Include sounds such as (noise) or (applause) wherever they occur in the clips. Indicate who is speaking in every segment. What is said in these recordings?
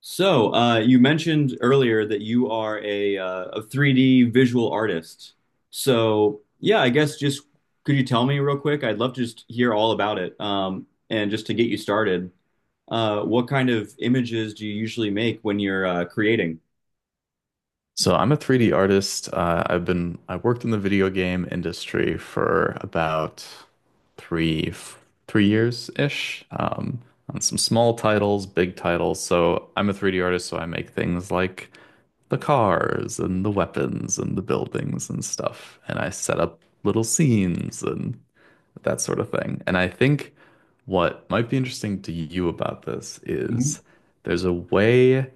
Speaker 1: So, you mentioned earlier that you are a 3D visual artist. So, yeah, I guess just Could you tell me real quick? I'd love to just hear all about it. And just to get you started, what kind of images do you usually make when you're creating?
Speaker 2: So I'm a 3D artist. I worked in the video game industry for about three f- 3 years ish, on some small titles, big titles. So I'm a 3D artist, so I make things like the cars and the weapons and the buildings and stuff, and I set up little scenes and that sort of thing. And I think what might be interesting to you about this is there's a way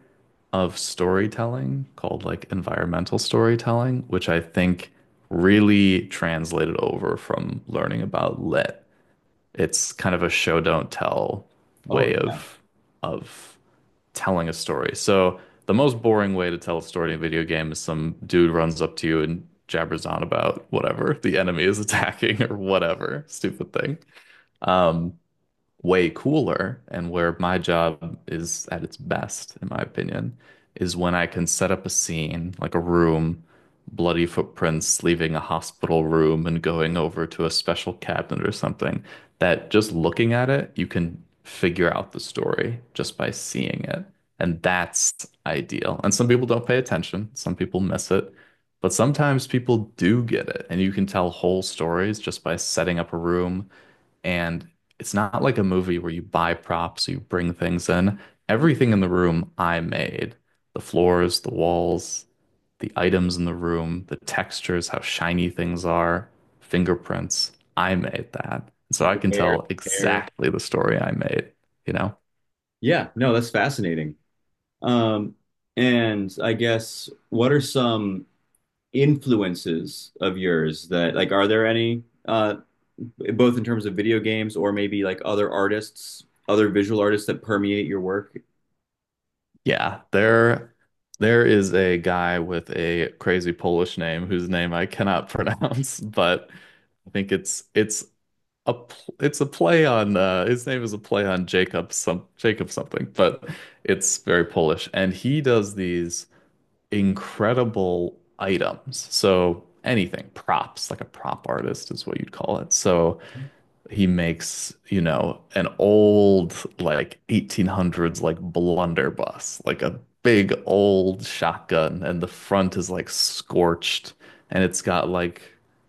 Speaker 2: of storytelling called like environmental storytelling, which I think really translated over from learning about lit. It's kind of a show don't tell
Speaker 1: Oh,
Speaker 2: way of telling a story. So the most boring way to tell a story in a video game is some dude runs up to you and jabbers on about whatever (laughs) the enemy is attacking or whatever stupid thing. Um, Way cooler and where my job is at its best, in my opinion, is when I can set up a scene, like a room, bloody footprints leaving a hospital room and going over to a special cabinet or something, that just looking at it, you can figure out the story just by seeing it. And that's ideal. And some people don't pay attention, some people miss it. But sometimes people do get it, and you can tell whole stories just by setting up a room and it's not like a movie where you buy props, you bring things in. Everything in the room I made. The floors, the walls, the items in the room, the textures, how shiny things are, fingerprints. I made that. So
Speaker 1: yeah,
Speaker 2: I can
Speaker 1: hair,
Speaker 2: tell
Speaker 1: hair.
Speaker 2: exactly the story I made, you know?
Speaker 1: Yeah, no, that's fascinating. Um, and I guess what are some influences of yours that like are there any? Both in terms of video games or maybe like other artists, other visual artists that permeate your work.
Speaker 2: Yeah, there is a guy with a crazy Polish name whose name I cannot (laughs) pronounce, but I think it's a it's a play on his name is a play on Jacob, some Jacob something, but it's very Polish and he does these incredible items. So anything, props, like a prop artist is what you'd call it. So he makes, you know, an old like 1800s like blunderbuss, like a big old shotgun, and the front is like scorched, and it's got like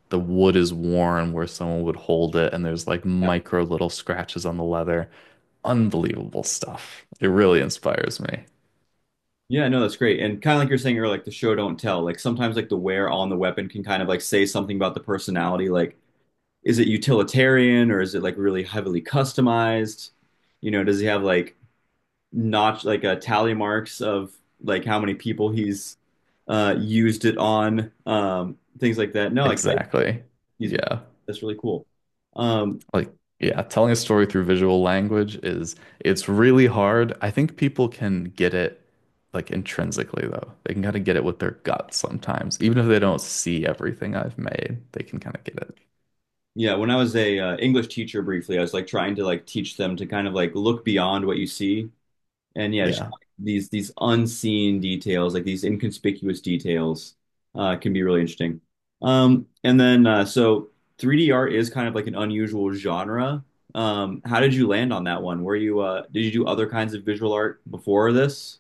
Speaker 2: the wood is worn where someone would hold it, and there's like
Speaker 1: Yeah.
Speaker 2: micro little scratches on the leather. Unbelievable stuff. It really inspires me.
Speaker 1: Yeah, no, that's great. And kind of like you're saying earlier, like the show don't tell. Like sometimes like the wear on the weapon can kind of like say something about the personality. Like, is it utilitarian or is it like really heavily customized? You know, does he have like notch like tally marks of like how many people he's used it on, things like that. No, like
Speaker 2: Exactly.
Speaker 1: he's
Speaker 2: Yeah.
Speaker 1: that's really cool. Um,
Speaker 2: Like, yeah, telling a story through visual language is it's really hard. I think people can get it like intrinsically though. They can kind of get it with their gut sometimes. Even if they don't see everything I've made, they can kind of get it.
Speaker 1: Yeah, when I was a English teacher briefly, I was like trying to like teach them to kind of like look beyond what you see, and yeah, just
Speaker 2: Yeah.
Speaker 1: like, these unseen details, like these inconspicuous details, can be really interesting. And then so 3D art is kind of like an unusual genre. How did you land on that one? Were you Did you do other kinds of visual art before this?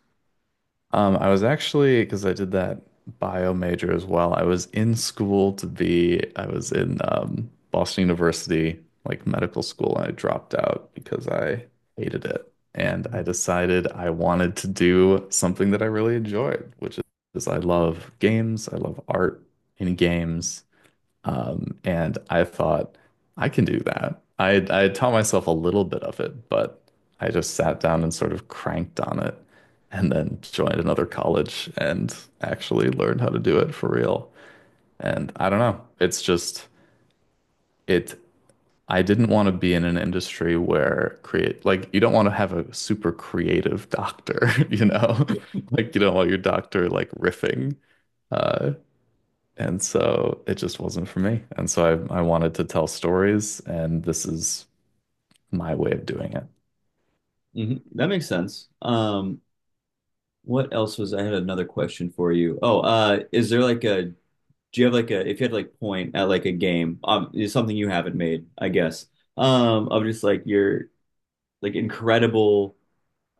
Speaker 2: I was actually, because I did that bio major as well, I was in school to be, I was in Boston University, like medical school, and I dropped out because I hated it. And I decided I wanted to do something that I really enjoyed, which is I love games, I love art in games. And I thought, I can do that. I had taught myself a little bit of it, but I just sat down and sort of cranked on it and then joined another college and actually learned how to do it for real. And I don't know. It's just it I didn't want to be in an industry where create like you don't want to have a super creative doctor, (laughs) you know? (laughs) Like you don't want your doctor like riffing. Uh, and so it just wasn't for me. And so I wanted to tell stories, and this is my way of doing it.
Speaker 1: Hmm, that makes sense. What else was I had another question for you. Oh, is there like a do you have like a if you had to like point at like a game, it's something you haven't made, I guess, of just like your like incredible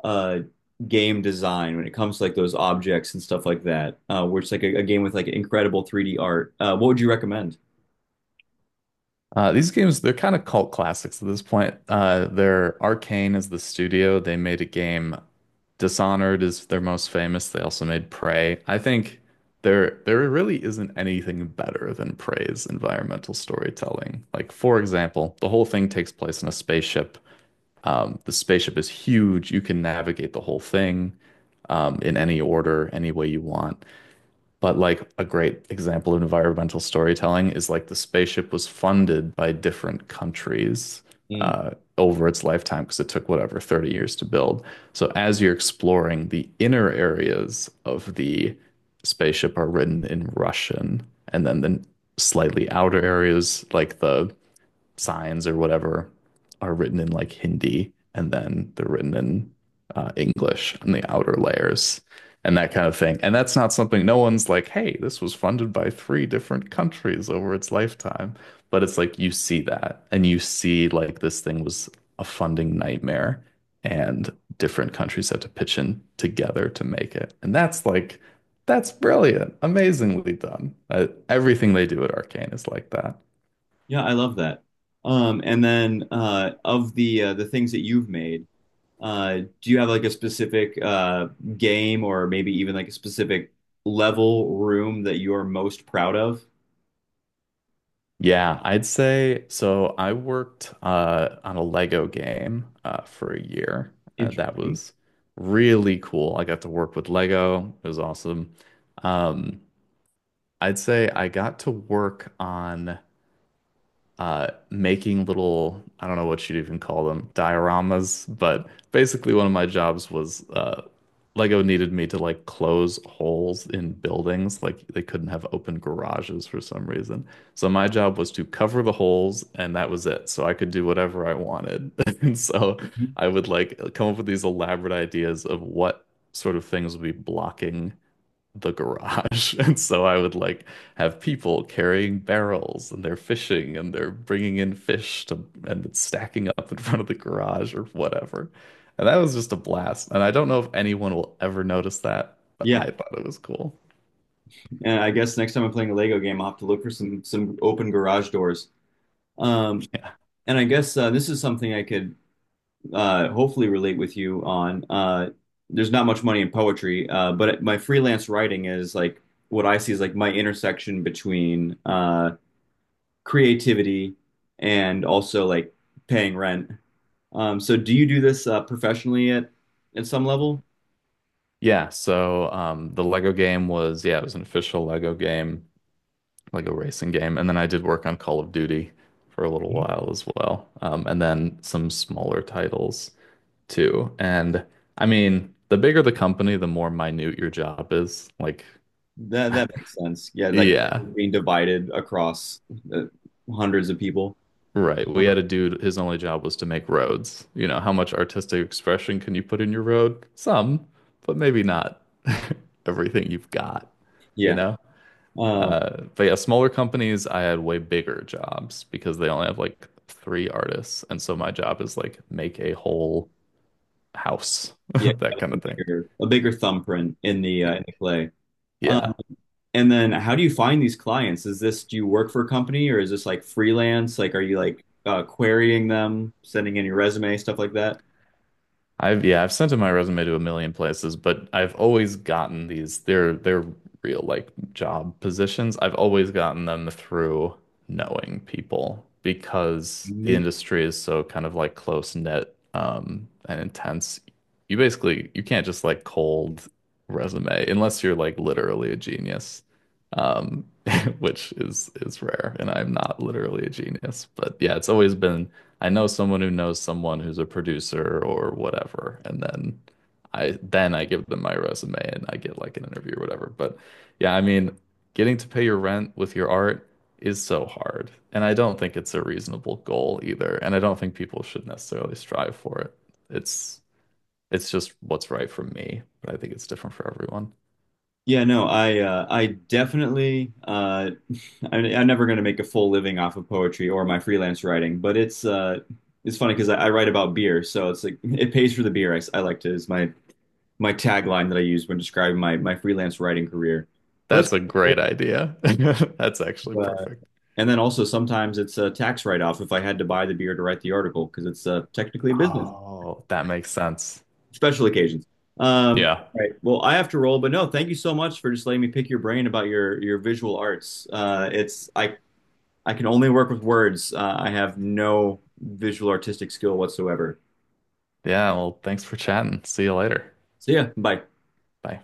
Speaker 1: uh game design when it comes to like those objects and stuff like that, where it's like a game with like incredible 3D art. What would you recommend?
Speaker 2: These games, they're kind of cult classics at this point. They're Arcane is the studio. They made a game. Dishonored is their most famous. They also made Prey. I think there really isn't anything better than Prey's environmental storytelling. Like, for example, the whole thing takes place in a spaceship. The spaceship is huge. You can navigate the whole thing in any order, any way you want. But like a great example of environmental storytelling is like the spaceship was funded by different countries,
Speaker 1: Mm.
Speaker 2: uh, over its lifetime because it took whatever 30 years to build. So as you're exploring, the inner areas of the spaceship are written in Russian, and then the slightly outer areas, like the signs or whatever are written in like Hindi and then they're written in English on the outer layers and that kind of thing. And that's not something no one's like, hey, this was funded by three different countries over its lifetime. But it's like you see that and you see like this thing was a funding nightmare and different countries have to pitch in together to make it. And that's like, that's brilliant, amazingly done. Everything they do at Arcane is like that.
Speaker 1: Yeah, I love that. And then Of the things that you've made, do you have like a specific game or maybe even like a specific level room that you're most proud of?
Speaker 2: Yeah, I'd say so. I worked on a Lego game for a year. That
Speaker 1: Interesting.
Speaker 2: was really cool. I got to work with Lego. It was awesome. Um, I'd say I got to work on making little, I don't know what you'd even call them, dioramas, but basically one of my jobs was Lego needed me to like close holes in buildings. Like they couldn't have open garages for some reason. So my job was to cover the holes and that was it. So I could do whatever I wanted. (laughs) And so I would like come up with these elaborate ideas of what sort of things would be blocking the garage. (laughs) And so I would like have people carrying barrels and they're fishing and they're bringing in fish to and it's stacking up in front of the garage or whatever. And that was just a blast. And I don't know if anyone will ever notice that, but I
Speaker 1: Yeah,
Speaker 2: thought it was cool.
Speaker 1: and I guess next time I'm playing a Lego game, I'll have to look for some open garage doors. Um, and I guess This is something I could hopefully relate with you on. There's not much money in poetry, but my freelance writing is like what I see is like my intersection between creativity and also like paying rent. So do you do this professionally at some level?
Speaker 2: Yeah, so the Lego game was, yeah, it was an official Lego game, Lego racing game. And then I did work on Call of Duty for a little while as well. And then some smaller titles too. And I mean, the bigger the company, the more minute your job is. Like,
Speaker 1: That that makes sense. Yeah, like
Speaker 2: yeah,
Speaker 1: being divided across uh, hundreds of people.
Speaker 2: right. We had a dude, his only job was to make roads. You know, how much artistic expression can you put in your road? Some, but maybe not (laughs) everything you've got, you
Speaker 1: Yeah.
Speaker 2: know?
Speaker 1: Um,
Speaker 2: But yeah, smaller companies, I had way bigger jobs because they only have like three artists. And so my job is like make a whole house, (laughs)
Speaker 1: yeah,
Speaker 2: that
Speaker 1: having
Speaker 2: kind of thing.
Speaker 1: a bigger thumbprint
Speaker 2: Y-
Speaker 1: in the clay. Um,
Speaker 2: Yeah.
Speaker 1: and then how do you find these clients? Is this do you work for a company or is this like freelance? Like are you like querying them, sending in your resume, stuff like that?
Speaker 2: I've sent in my resume to a million places, but I've always gotten these. They're real like job positions. I've always gotten them through knowing people because the
Speaker 1: Mhm.
Speaker 2: industry is so kind of like close knit and intense. You basically you can't just like cold resume unless you're like literally a genius. Um (laughs) which is rare and I'm not literally a genius, but yeah, it's always been I know someone who knows someone who's a producer or whatever, and then I give them my resume and I get like an interview or whatever. But yeah, I mean, getting to pay your rent with your art is so hard, and I don't think it's a reasonable goal either, and I don't think people should necessarily strive for it. It's it's just what's right for me, but I think it's different for everyone.
Speaker 1: Yeah, no, I definitely I'm never going to make a full living off of poetry or my freelance writing, but it's funny because I write about beer, so it's like it pays for the beer. I like to is my tagline that I use when describing my freelance writing career. But it's
Speaker 2: That's a
Speaker 1: cool.
Speaker 2: great idea. (laughs) That's actually
Speaker 1: Uh,
Speaker 2: perfect.
Speaker 1: and then also sometimes it's a tax write-off if I had to buy the beer to write the article because it's technically a business,
Speaker 2: Oh, that makes sense.
Speaker 1: special occasions.
Speaker 2: Yeah.
Speaker 1: All right. Well, I have to roll, but no, thank you so much for just letting me pick your brain about your visual arts. It's I can only work with words. I have no visual artistic skill whatsoever.
Speaker 2: Yeah, well, thanks for chatting. See you later.
Speaker 1: So yeah, bye.
Speaker 2: Bye.